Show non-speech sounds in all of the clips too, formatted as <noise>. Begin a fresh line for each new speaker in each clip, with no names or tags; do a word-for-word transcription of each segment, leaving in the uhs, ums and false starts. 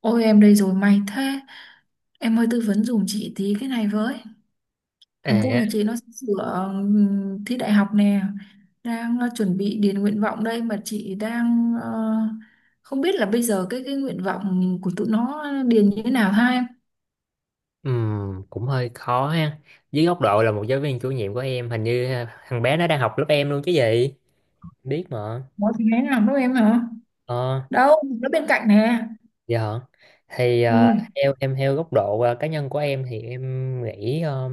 Ôi, em đây rồi, may thế. Em ơi, tư vấn giùm chị tí cái này với. Thằng cu
À,
nhà chị nó sửa ừm, thi đại học nè. Đang ờ, chuẩn bị điền nguyện vọng đây. Mà chị đang ờ, không biết là bây giờ cái cái nguyện vọng của tụi nó điền như thế nào ha em?
ừm, cũng hơi khó ha. Dưới góc độ là một giáo viên chủ nhiệm của em, hình như ha, thằng bé nó đang học lớp em luôn chứ gì? Biết mà.
Nó thì thế nào đâu em hả?
Ờ,
Đâu, nó bên cạnh nè.
dạ. Thì ờ,
Ừ,
theo em, theo góc độ ờ, cá nhân của em thì em nghĩ ờ,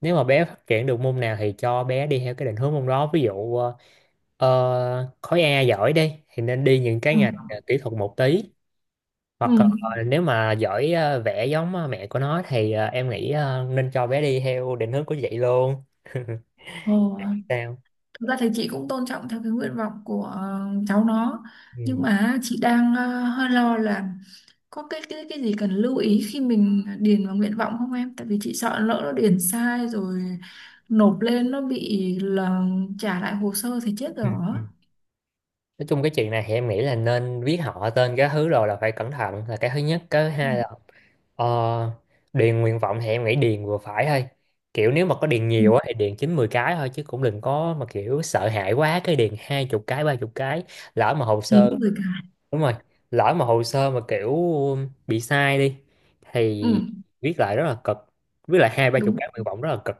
nếu mà bé phát triển được môn nào thì cho bé đi theo cái định hướng môn đó. Ví dụ ờ, ờ, khối A giỏi đi thì nên đi những cái
ừ,
ngành ờ, kỹ thuật một tí. Hoặc ờ,
ừ.
nếu mà giỏi ờ, vẽ giống ờ, mẹ của nó thì ờ, em nghĩ ờ, nên cho bé đi theo định hướng của chị luôn.
Ồ.
Sao
Thực ra thì chị cũng tôn trọng theo cái nguyện vọng của ờ, cháu nó.
ừ.
Nhưng mà chị đang ờ, hơi lo là có cái cái cái gì cần lưu ý khi mình điền vào nguyện vọng không em? Tại vì chị sợ lỡ nó điền sai rồi nộp lên nó bị là trả lại hồ sơ thì chết
Ừ.
rồi. á.
Ừ. Nói chung cái chuyện này thì em nghĩ là nên viết họ tên cái thứ, rồi là phải cẩn thận. Là cái thứ nhất, cái thứ
Ừ.
hai là ờ, điền nguyện vọng thì em nghĩ điền vừa phải thôi. Kiểu nếu mà có điền
Ừ.
nhiều á thì điền chín mười cái thôi, chứ cũng đừng có mà kiểu sợ hãi quá cái điền hai chục cái, ba chục cái. Lỡ mà hồ sơ,
Kiếm người cài.
đúng rồi, lỡ mà hồ sơ mà kiểu bị sai đi
Ừ,
thì viết lại rất là cực. Viết lại hai ba chục
đúng.
cái nguyện vọng rất là cực,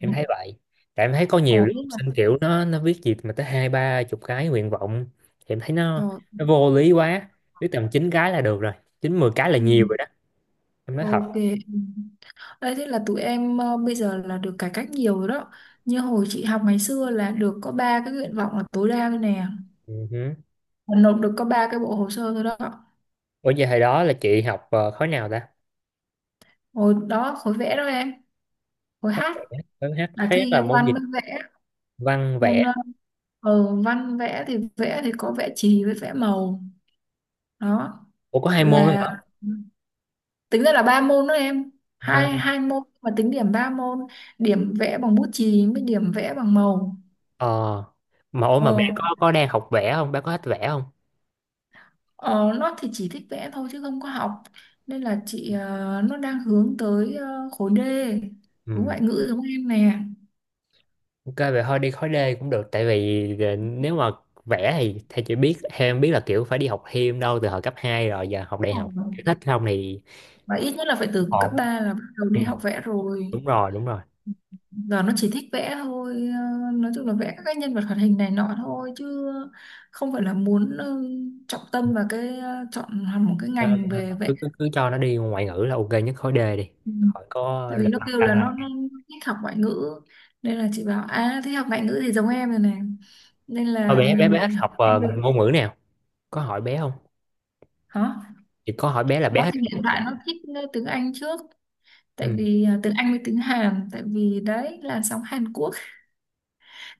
Ừ.
thấy vậy. Tại em thấy có nhiều
Ồ,
đứa
biết
học
là
sinh kiểu nó nó viết gì mà tới hai ba chục cái nguyện vọng thì em thấy nó
rồi.
nó vô lý quá. Biết tầm chín cái là được rồi, chín mười cái là
Ừ,
nhiều rồi đó, em nói thật.
ok. Đấy, thế là tụi em ờ, bây giờ là được cải cách nhiều rồi đó. Như hồi chị học ngày xưa là được có ba cái nguyện vọng là tối đa thôi nè.
Ừ hứ.
Và nộp được có ba cái bộ hồ sơ thôi đó.
Ủa giờ hồi đó là chị học ờ, khối nào ta?
Hồi đó khối vẽ đó em. Khối
khối
hát
khối hát,
là
hát
thi
là môn
văn
gì?
với vẽ.
Văn vẽ?
Môn ờ, ừ, văn vẽ, thì vẽ thì có vẽ chì với vẽ màu đó.
Ủa có hai môn nữa
Là
hả?
tính ra là ba môn đó em,
Văn,
hai hai môn mà tính điểm ba môn, điểm vẽ bằng bút chì với điểm vẽ bằng màu.
ờ. Mà ủa,
ờ,
mà bé có có đang học vẽ không, bé có thích vẽ không?
ờ, nó thì chỉ thích vẽ thôi chứ không có học, nên là chị ờ, nó đang hướng tới ờ, khối D, khối
Ừ.
ngoại ngữ giống em nè.
Ok vậy thôi đi khối D cũng được, tại vì ờ, nếu mà vẽ thì theo chị biết, theo em biết là kiểu phải đi học thêm đâu từ hồi cấp hai rồi, giờ học đại
Ờ,
học kiểu thích không thì
và ít nhất là phải từ cấp
ổn.
ba là bắt đầu
Ừ,
đi học vẽ rồi.
đúng rồi đúng rồi
Giờ nó chỉ thích vẽ thôi, ờ, nói chung là vẽ các cái nhân vật hoạt hình này nọ thôi chứ không phải là muốn ờ, trọng tâm vào cái ờ, chọn hẳn một cái
Ờ,
ngành về vẽ.
cứ, cứ cứ cho nó đi ngoại ngữ là ok nhất, khối D đi.
Ừ.
Hỏi có
Tại vì
đặt
nó
đặt-
kêu là nó,
đặt-
nó thích học ngoại ngữ, nên là chị bảo à, thích học ngoại ngữ thì giống em rồi này, nên
có
là
bé bé bé thích học
em
ờ,
được.
ngôn ngữ nào, có hỏi bé không
Hả?
chị, có hỏi bé là bé
Nó thì
thích
hiện
học ngôn
tại nó
ngữ.
thích ờ, tiếng Anh trước, tại
Ừ.
vì à, tiếng Anh với tiếng Hàn, tại vì đấy làn sóng Hàn Quốc,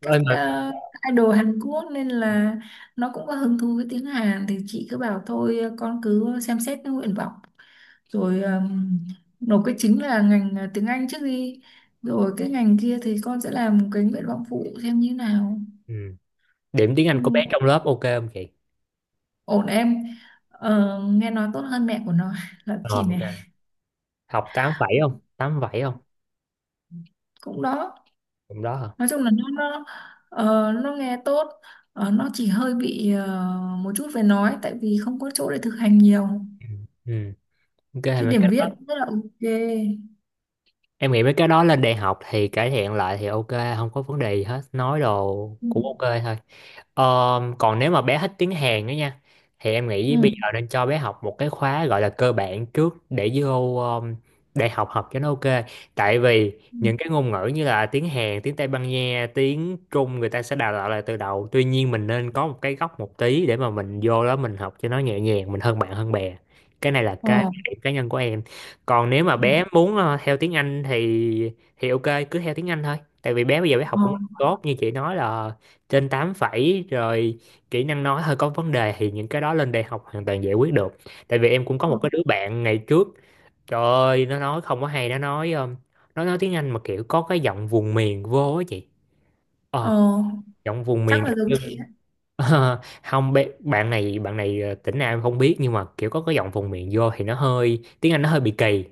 Ơi
các
mà
ờ, idol Hàn Quốc, nên là nó cũng có hứng thú với tiếng Hàn. Thì chị cứ bảo thôi ờ, con cứ xem xét cái nguyện vọng rồi ờm, nộp cái chính là ngành ờ, tiếng Anh trước đi, rồi cái ngành kia thì con sẽ làm cái nguyện vọng phụ xem như nào.
ừ. Điểm tiếng
Ừ,
Anh của bé trong lớp ok không chị?
ổn em. Ờ, nghe nói tốt hơn mẹ của nó <laughs> là
Ờ
chị
ok,
này.
học tám phẩy không, tám phẩy không,
Cũng đó.
cũng đó hả?
Nói chung là nó nó ờ, nó nghe tốt. Ờ, nó chỉ hơi bị ờ, một chút về nói tại vì không có chỗ để thực hành nhiều.
Ừ ok,
Chữ
mà
điểm viết rất là ok.
em nghĩ mấy cái đó lên đại học thì cải thiện lại thì ok, không có vấn đề gì hết. Nói đồ
Ừ,
cũng ok thôi. Ờ, còn nếu mà bé thích tiếng Hàn nữa nha thì em nghĩ bây
ừ,
giờ nên cho bé học một cái khóa gọi là cơ bản trước để vô um, đại học học cho nó ok. Tại vì
ừ.
những cái ngôn ngữ như là tiếng Hàn, tiếng Tây Ban Nha, tiếng Trung người ta sẽ đào tạo lại từ đầu, tuy nhiên mình nên có một cái gốc một tí để mà mình vô đó mình học cho nó nhẹ nhàng, mình hơn bạn hơn bè. Cái này là cái
Ờ.
điểm cá nhân của em. Còn nếu mà
Ừ.
bé muốn ờ, theo tiếng Anh thì thì ok, cứ theo tiếng Anh thôi. Tại vì bé bây giờ bé học cũng
Ờ,
tốt, như chị nói là trên tám phẩy rồi, kỹ năng nói hơi có vấn đề thì những cái đó lên đại học hoàn toàn giải quyết được. Tại vì em cũng có một
ờ,
cái đứa bạn ngày trước, trời ơi nó nói không có hay, nó nói um, nó nói tiếng Anh mà kiểu có cái giọng vùng miền vô á chị. Ờ,
ờ.
giọng vùng miền.
Chắc là giống chị ạ.
<laughs> Ờ, không, bé- bạn này, bạn này ờ, tỉnh nào em không biết nhưng mà kiểu có cái giọng vùng miền vô thì nó hơi tiếng Anh, nó hơi bị kỳ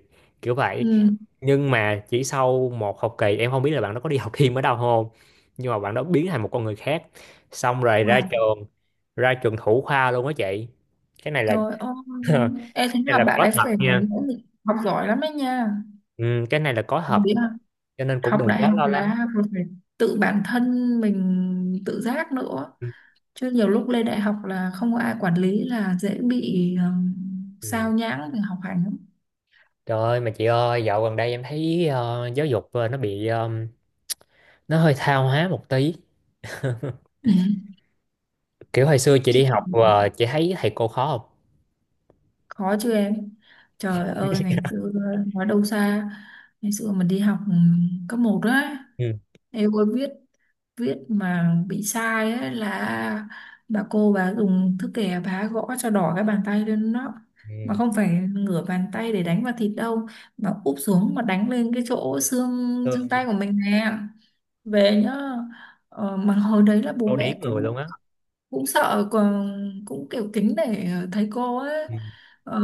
kiểu vậy.
Ừ.
Nhưng mà chỉ sau một học kỳ, em không biết là bạn đó có đi học thêm ở đâu không, nhưng mà bạn đó biến thành một con người khác. Xong rồi ra
Wow.
trường, ra trường thủ khoa luôn á chị. Cái này là,
Trời ơi.
<laughs>
Em
cái
thấy
này
là
là
bạn
có
ấy
thật
phải
nha.
nỗ lực học giỏi lắm đấy nha.
Ừ, cái này là có
Em
thật,
nghĩ là
cho nên cũng
học
đừng
đại
quá
học
lo lắng.
là còn phải tự bản thân mình tự giác nữa,
Ừ.
chứ nhiều lúc lên đại học là không có ai quản lý là dễ bị ừm,
Ừ.
sao nhãng về học hành lắm.
Trời ơi, mà chị ơi dạo gần đây em thấy ờ, giáo dục ờ, nó bị ờ, nó hơi tha hóa một tí. <laughs>
Ừ.
Kiểu hồi xưa chị đi
Chị.
học và chị thấy thầy cô khó không?
Khó chứ em. Trời ơi, ngày xưa, nói đâu xa, ngày xưa mình đi học ừ, cấp một á,
Ừ.
em ơi, viết viết mà bị sai á là bà cô bà dùng thước kẻ, bà gõ cho đỏ cái bàn tay lên đó. Mà
Ừ.
không phải ngửa bàn tay để đánh vào thịt đâu, mà úp xuống mà đánh lên cái chỗ xương xương tay
Tương
của mình nè. Về nhá. Ờ, mà hồi đấy là bố
câu
mẹ
điển người
cũng
luôn á.
cũng sợ còn, cũng kiểu kính để ờ, thấy cô ấy,
Ừ,
ờ,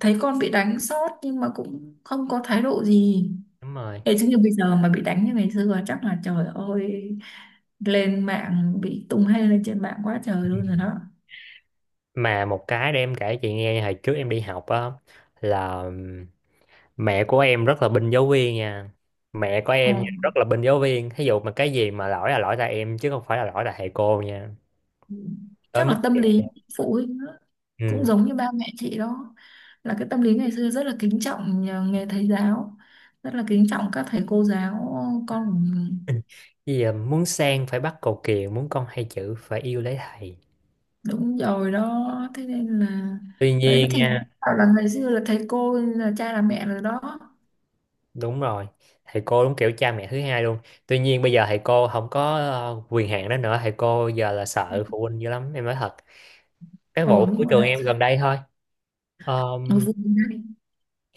thấy con bị đánh sót nhưng mà cũng không có thái độ gì.
đúng rồi.
Thế chứ như bây giờ mà bị đánh như ngày xưa chắc là trời ơi, lên mạng bị tung hê lên trên mạng quá trời luôn rồi đó.
Mà một cái để em kể chị nghe, hồi trước em đi học á là ừm, mẹ của em rất là binh giáo viên nha. Mẹ của em nha,
ờ,
rất là binh giáo viên, thí dụ mà cái gì mà lỗi là lỗi tại em chứ không phải là lỗi tại thầy cô nha, tới
Chắc
mức
là tâm
vậy.
lý phụ huynh đó. Cũng
Ừ.
giống như ba mẹ chị đó, là cái tâm lý ngày xưa rất là kính trọng nhà- nghề thầy giáo, rất là kính trọng các thầy cô giáo con.
<laughs> Bây giờ muốn sang phải bắt cầu kiều, muốn con hay chữ phải yêu lấy thầy.
Đúng rồi đó. Thế nên là
Tuy
đấy
nhiên
thì
nha,
bảo là ngày xưa là thầy cô là cha là mẹ rồi đó.
đúng rồi, thầy cô đúng kiểu cha mẹ thứ hai luôn. Tuy nhiên bây giờ thầy cô không có ờ, quyền hạn đó nữa, thầy cô giờ là sợ phụ huynh dữ lắm, em nói thật. Cái vụ
Ừ,
của
đúng rồi
trường
đó.
em gần đây thôi.
Ở vùng này.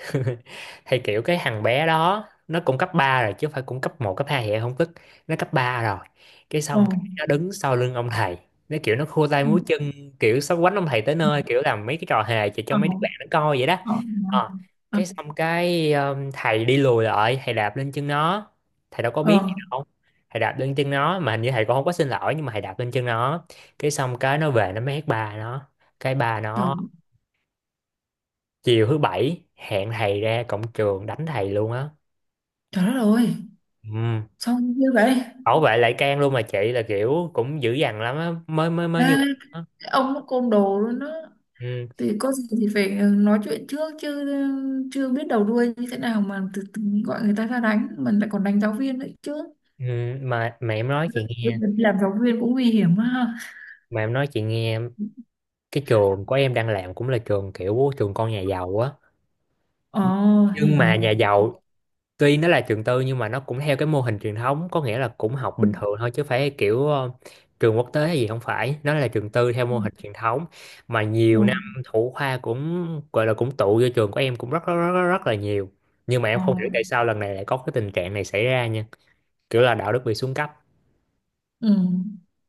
<laughs> Thì kiểu cái thằng bé đó nó cũng cấp ba rồi chứ không phải cũng cấp một cấp hai vậy không, tức nó cấp ba rồi. Cái
Ờ.
xong cái nó đứng sau lưng ông thầy, nó kiểu nó khua tay
Ừ.
múa chân, kiểu sắp quánh ông thầy tới
Ừ.
nơi, kiểu làm mấy cái trò hề chỉ cho
ờ
mấy đứa bạn nó coi vậy đó.
ờ
Ờ,
ờ
cái xong cái um, thầy đi lùi lại, thầy đạp lên chân nó, thầy đâu có biết gì
Ờ.
đâu. Thầy đạp lên chân nó mà hình như thầy cũng không có xin lỗi, nhưng mà thầy đạp lên chân nó. Cái xong cái nó về nó mét bà nó, cái bà
Trời.
nó chiều thứ bảy hẹn thầy ra cổng trường đánh thầy luôn á.
Trời đất ơi!
Ừ.
Sao như vậy?
Bảo vệ lại can luôn mà chị, là kiểu cũng dữ dằn lắm á mới mới mới như
À,
vậy á.
cái ông nó côn đồ luôn đó.
Ừ.
Thì có gì thì phải nói chuyện trước chứ, chưa biết đầu đuôi như thế nào mà từ, từ gọi người ta ra đánh, mình lại còn đánh giáo viên nữa chứ.
Ừ. mà mà Em nói chị nghe,
Làm giáo viên cũng nguy hiểm ha.
mà em nói chị nghe, cái trường của em đang làm cũng là trường kiểu trường con nhà giàu á,
Ờ. Hiểu.
nhưng mà nhà giàu, tuy nó là trường tư nhưng mà nó cũng theo cái mô hình truyền thống, có nghĩa là cũng học
Ừ,
bình thường thôi chứ phải kiểu ờ, trường quốc tế hay gì, không phải, nó là trường tư theo
ừ.
mô hình truyền thống. Mà
Ừ.
nhiều năm thủ khoa cũng gọi là cũng tụ vô trường của em cũng rất rất rất, rất rất là nhiều. Nhưng mà em
Ờ.
không hiểu tại sao lần này lại có cái tình trạng này xảy ra nha, kiểu là đạo đức bị xuống cấp.
Ừ.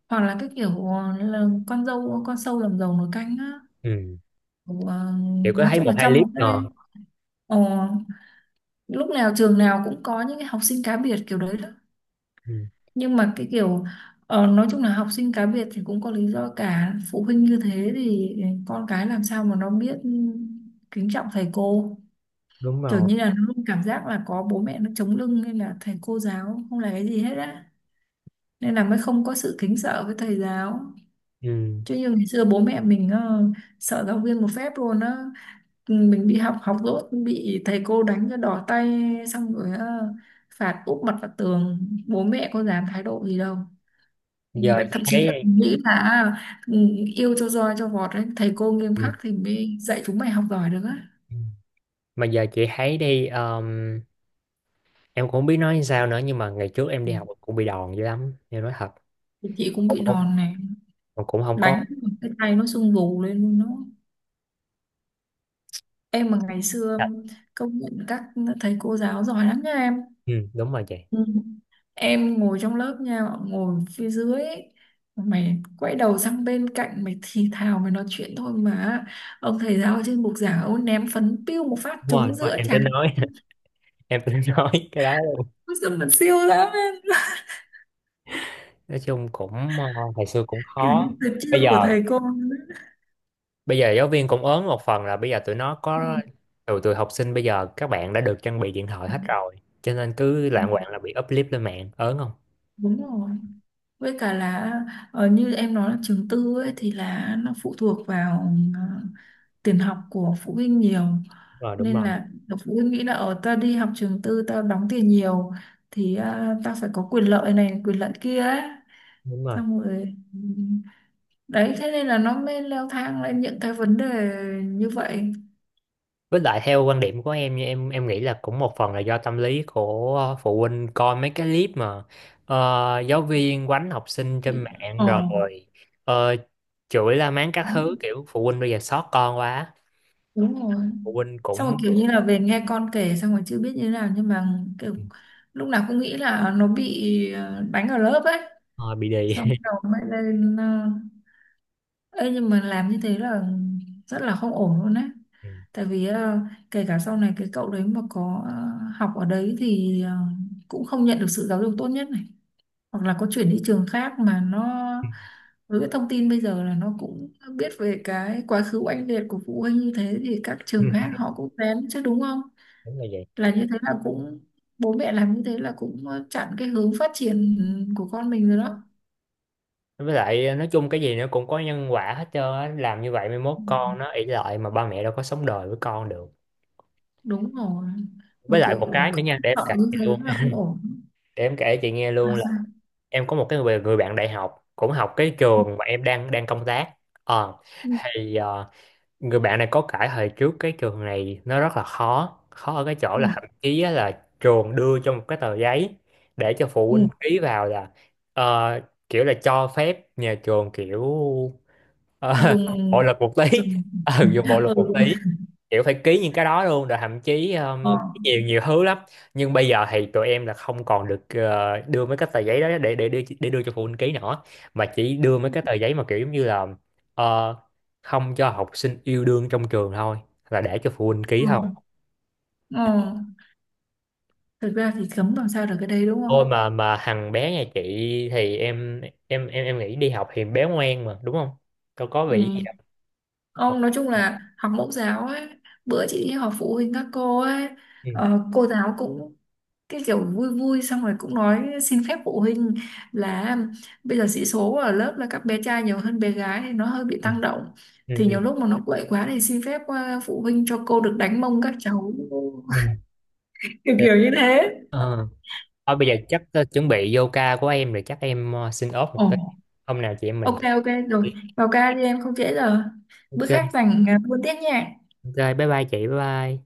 Hoặc là cái kiểu ờ, là con dâu con sâu làm dầu nồi canh á.
Ừ.
Kiểu, ờ,
Kiểu có
nói
thấy
chung
một
là
hai
trong
clip
một cái
ngờ.
ờ, lúc nào trường nào cũng có những cái học sinh cá biệt kiểu đấy đó.
Ừ.
Nhưng mà cái kiểu ờ, nói chung là học sinh cá biệt thì cũng có lý do, cả phụ huynh như thế thì con cái làm sao mà nó biết kính trọng thầy cô.
Đúng
Kiểu
rồi.
như là nó luôn cảm giác là có bố mẹ nó chống lưng nên là thầy cô giáo không là cái gì hết á, nên là mới không có sự kính sợ với thầy giáo.
Ừ.
Chứ như ngày xưa bố mẹ mình ờ, sợ giáo viên một phép luôn á. Ừ, mình đi học học dốt bị thầy cô đánh cho đỏ tay, xong rồi ờ, phạt úp mặt vào tường, bố mẹ có dám thái độ gì đâu.
Giờ
Lại
chị
thậm chí là
thấy,
nghĩ là à, ừ, yêu cho roi cho vọt đấy, thầy cô nghiêm
ừ,
khắc thì mới dạy chúng mày học giỏi được á.
mà giờ chị thấy đi um, em cũng không biết nói sao nữa, nhưng mà ngày trước em
Ừ,
đi học cũng bị đòn dữ lắm, em nói thật.
thì chị cũng
Cũng
bị
không,
đòn này,
mà cũng không có
đánh cái tay nó sưng vù lên luôn nó. Em mà ngày xưa
thật.
công nhận các thầy cô giáo giỏi lắm nha em.
Ừ, đúng rồi chị.
Ừ. Em ngồi trong lớp nha, ngồi phía dưới ấy, mày quay đầu sang bên cạnh mày thì thào mày nói chuyện thôi mà ông thầy giáo ở trên bục giảng ông ném phấn piu một phát
đúng rồi
trúng
đúng rồi
giữa
em
trán.
tính nói, <laughs> em tính nói cái đó luôn.
Ôi giời, mà siêu lắm em,
Nói chung cũng ờ, ngày xưa cũng
kiểu như
khó.
tuyệt chiêu
bây giờ
của thầy cô ấy.
bây giờ giáo viên cũng ớn, một phần là bây giờ tụi nó
Ừ,
có, tụi tụi học sinh bây giờ các bạn đã được trang bị điện thoại hết rồi, cho nên cứ lạng quạng là bị up clip lên mạng, ớn không.
đúng rồi. Với cả là ờ, như em nói là trường tư ấy thì là nó phụ thuộc vào ờ, tiền học của phụ huynh nhiều,
đúng rồi đúng
nên
rồi
là độc phụ huynh nghĩ là ở, tao đi học trường tư tao đóng tiền nhiều thì à, tao phải có quyền lợi này quyền lợi kia ấy.
đúng rồi
Xong rồi ừ, đấy thế nên là nó mới leo thang lên những cái vấn đề như vậy.
Với lại theo quan điểm của em, như em em nghĩ là cũng một phần là do tâm lý của ờ, phụ huynh coi mấy cái clip mà ờ, giáo viên quánh học sinh trên
Bị-
mạng
ờ
rồi ờ, chửi la mắng các thứ, kiểu phụ huynh bây giờ xót con quá,
Đúng rồi.
phụ huynh
Xong rồi
cũng
kiểu như là về nghe con kể xong rồi chưa biết như thế nào nhưng mà kiểu lúc nào cũng nghĩ là à, nó bị ờ, đánh ở lớp ấy,
ờ, bị đì.
xong đầu mới lên ờ, Ê, nhưng mà làm như thế là rất là không ổn luôn á. Tại
<laughs>
vì ờ, kể cả sau này cái cậu đấy mà có ờ, học ở đấy thì ờ, cũng không nhận được sự giáo dục tốt nhất này, hoặc là có chuyển đi trường khác mà nó với cái thông tin bây giờ là nó cũng biết về cái quá khứ oanh liệt của phụ huynh như thế thì các
Ừ.
trường
Ừ,
khác họ cũng kén chứ, đúng không?
đúng là vậy.
Là như thế là cũng, bố mẹ làm như thế là cũng ờ, chặn cái hướng phát triển của con mình rồi đó.
Với lại ờ, nói chung cái gì nó cũng có nhân quả hết trơn á, làm như vậy mai mốt
Ừ,
con nó ỷ lại, mà ba mẹ đâu có sống đời với con được.
đúng rồi. Mà
Với lại
kiểu
một
ờ,
cái nữa nha, để em
sợ
kể
như
cho
thế
luôn.
là không ổn.
<laughs> Để em kể chị nghe
À,
luôn.
sao?
Em có một cái người, người bạn đại học cũng học cái trường mà em đang đang công tác. Ờ,
Ừ.
thì ờ, người bạn này có kể hồi trước cái trường này nó rất là khó, khó ở cái chỗ
Ừ.
là thậm chí á là trường đưa cho một cái tờ giấy để cho phụ
Ừ.
huynh ký vào là ờ, kiểu là cho phép nhà trường kiểu, Ờ, <laughs> bộ
dùng
luật một tí,
dùng
ừ, dùng bộ
<laughs>
luật
Ừ,
một
đúng.
tí. Kiểu phải ký những cái đó luôn, rồi thậm chí
Ờ,
um, nhiều nhiều thứ lắm. Nhưng bây giờ thì tụi em là không còn được ờ, đưa mấy cái tờ giấy đó để để đưa để đưa cho phụ huynh ký nữa, mà chỉ đưa mấy cái tờ giấy mà kiểu giống như là ờ, không cho học sinh yêu đương trong trường thôi, là để cho phụ huynh ký
ừ,
thôi.
ừ, ừ. Thực ra thì cấm làm sao được cái đấy đúng
Thôi
không?
mà mà thằng bé nhà chị thì em em em em nghĩ đi học thì bé ngoan mà đúng không, đâu có bị gì đâu.
Ừ.
Học.
Ông nói chung là học mẫu giáo ấy, bữa chị đi họp phụ huynh các cô ấy,
Ừ.
ờ, cô giáo cũng cái kiểu vui vui xong rồi cũng nói xin phép phụ huynh là bây giờ sĩ số ở lớp là các bé trai nhiều hơn bé gái thì nó hơi bị
Ừ.
tăng động, thì nhiều
Ừ.
lúc mà nó quậy quá thì xin phép ờ, phụ huynh cho cô được đánh mông các cháu.
Ừ.
<laughs> kiểu
Ừ.
kiểu như thế.
Ờ. Thôi bây giờ chắc ờ, chuẩn bị vô ca của em rồi, chắc em ờ, xin off một
Ồ.
tí. Hôm nào chị em mình.
Ok, ok rồi, vào ca đi em không trễ giờ. Bữa
Ok,
khác rảnh à, buôn tiếp nha.
ok, bye bye chị, bye bye.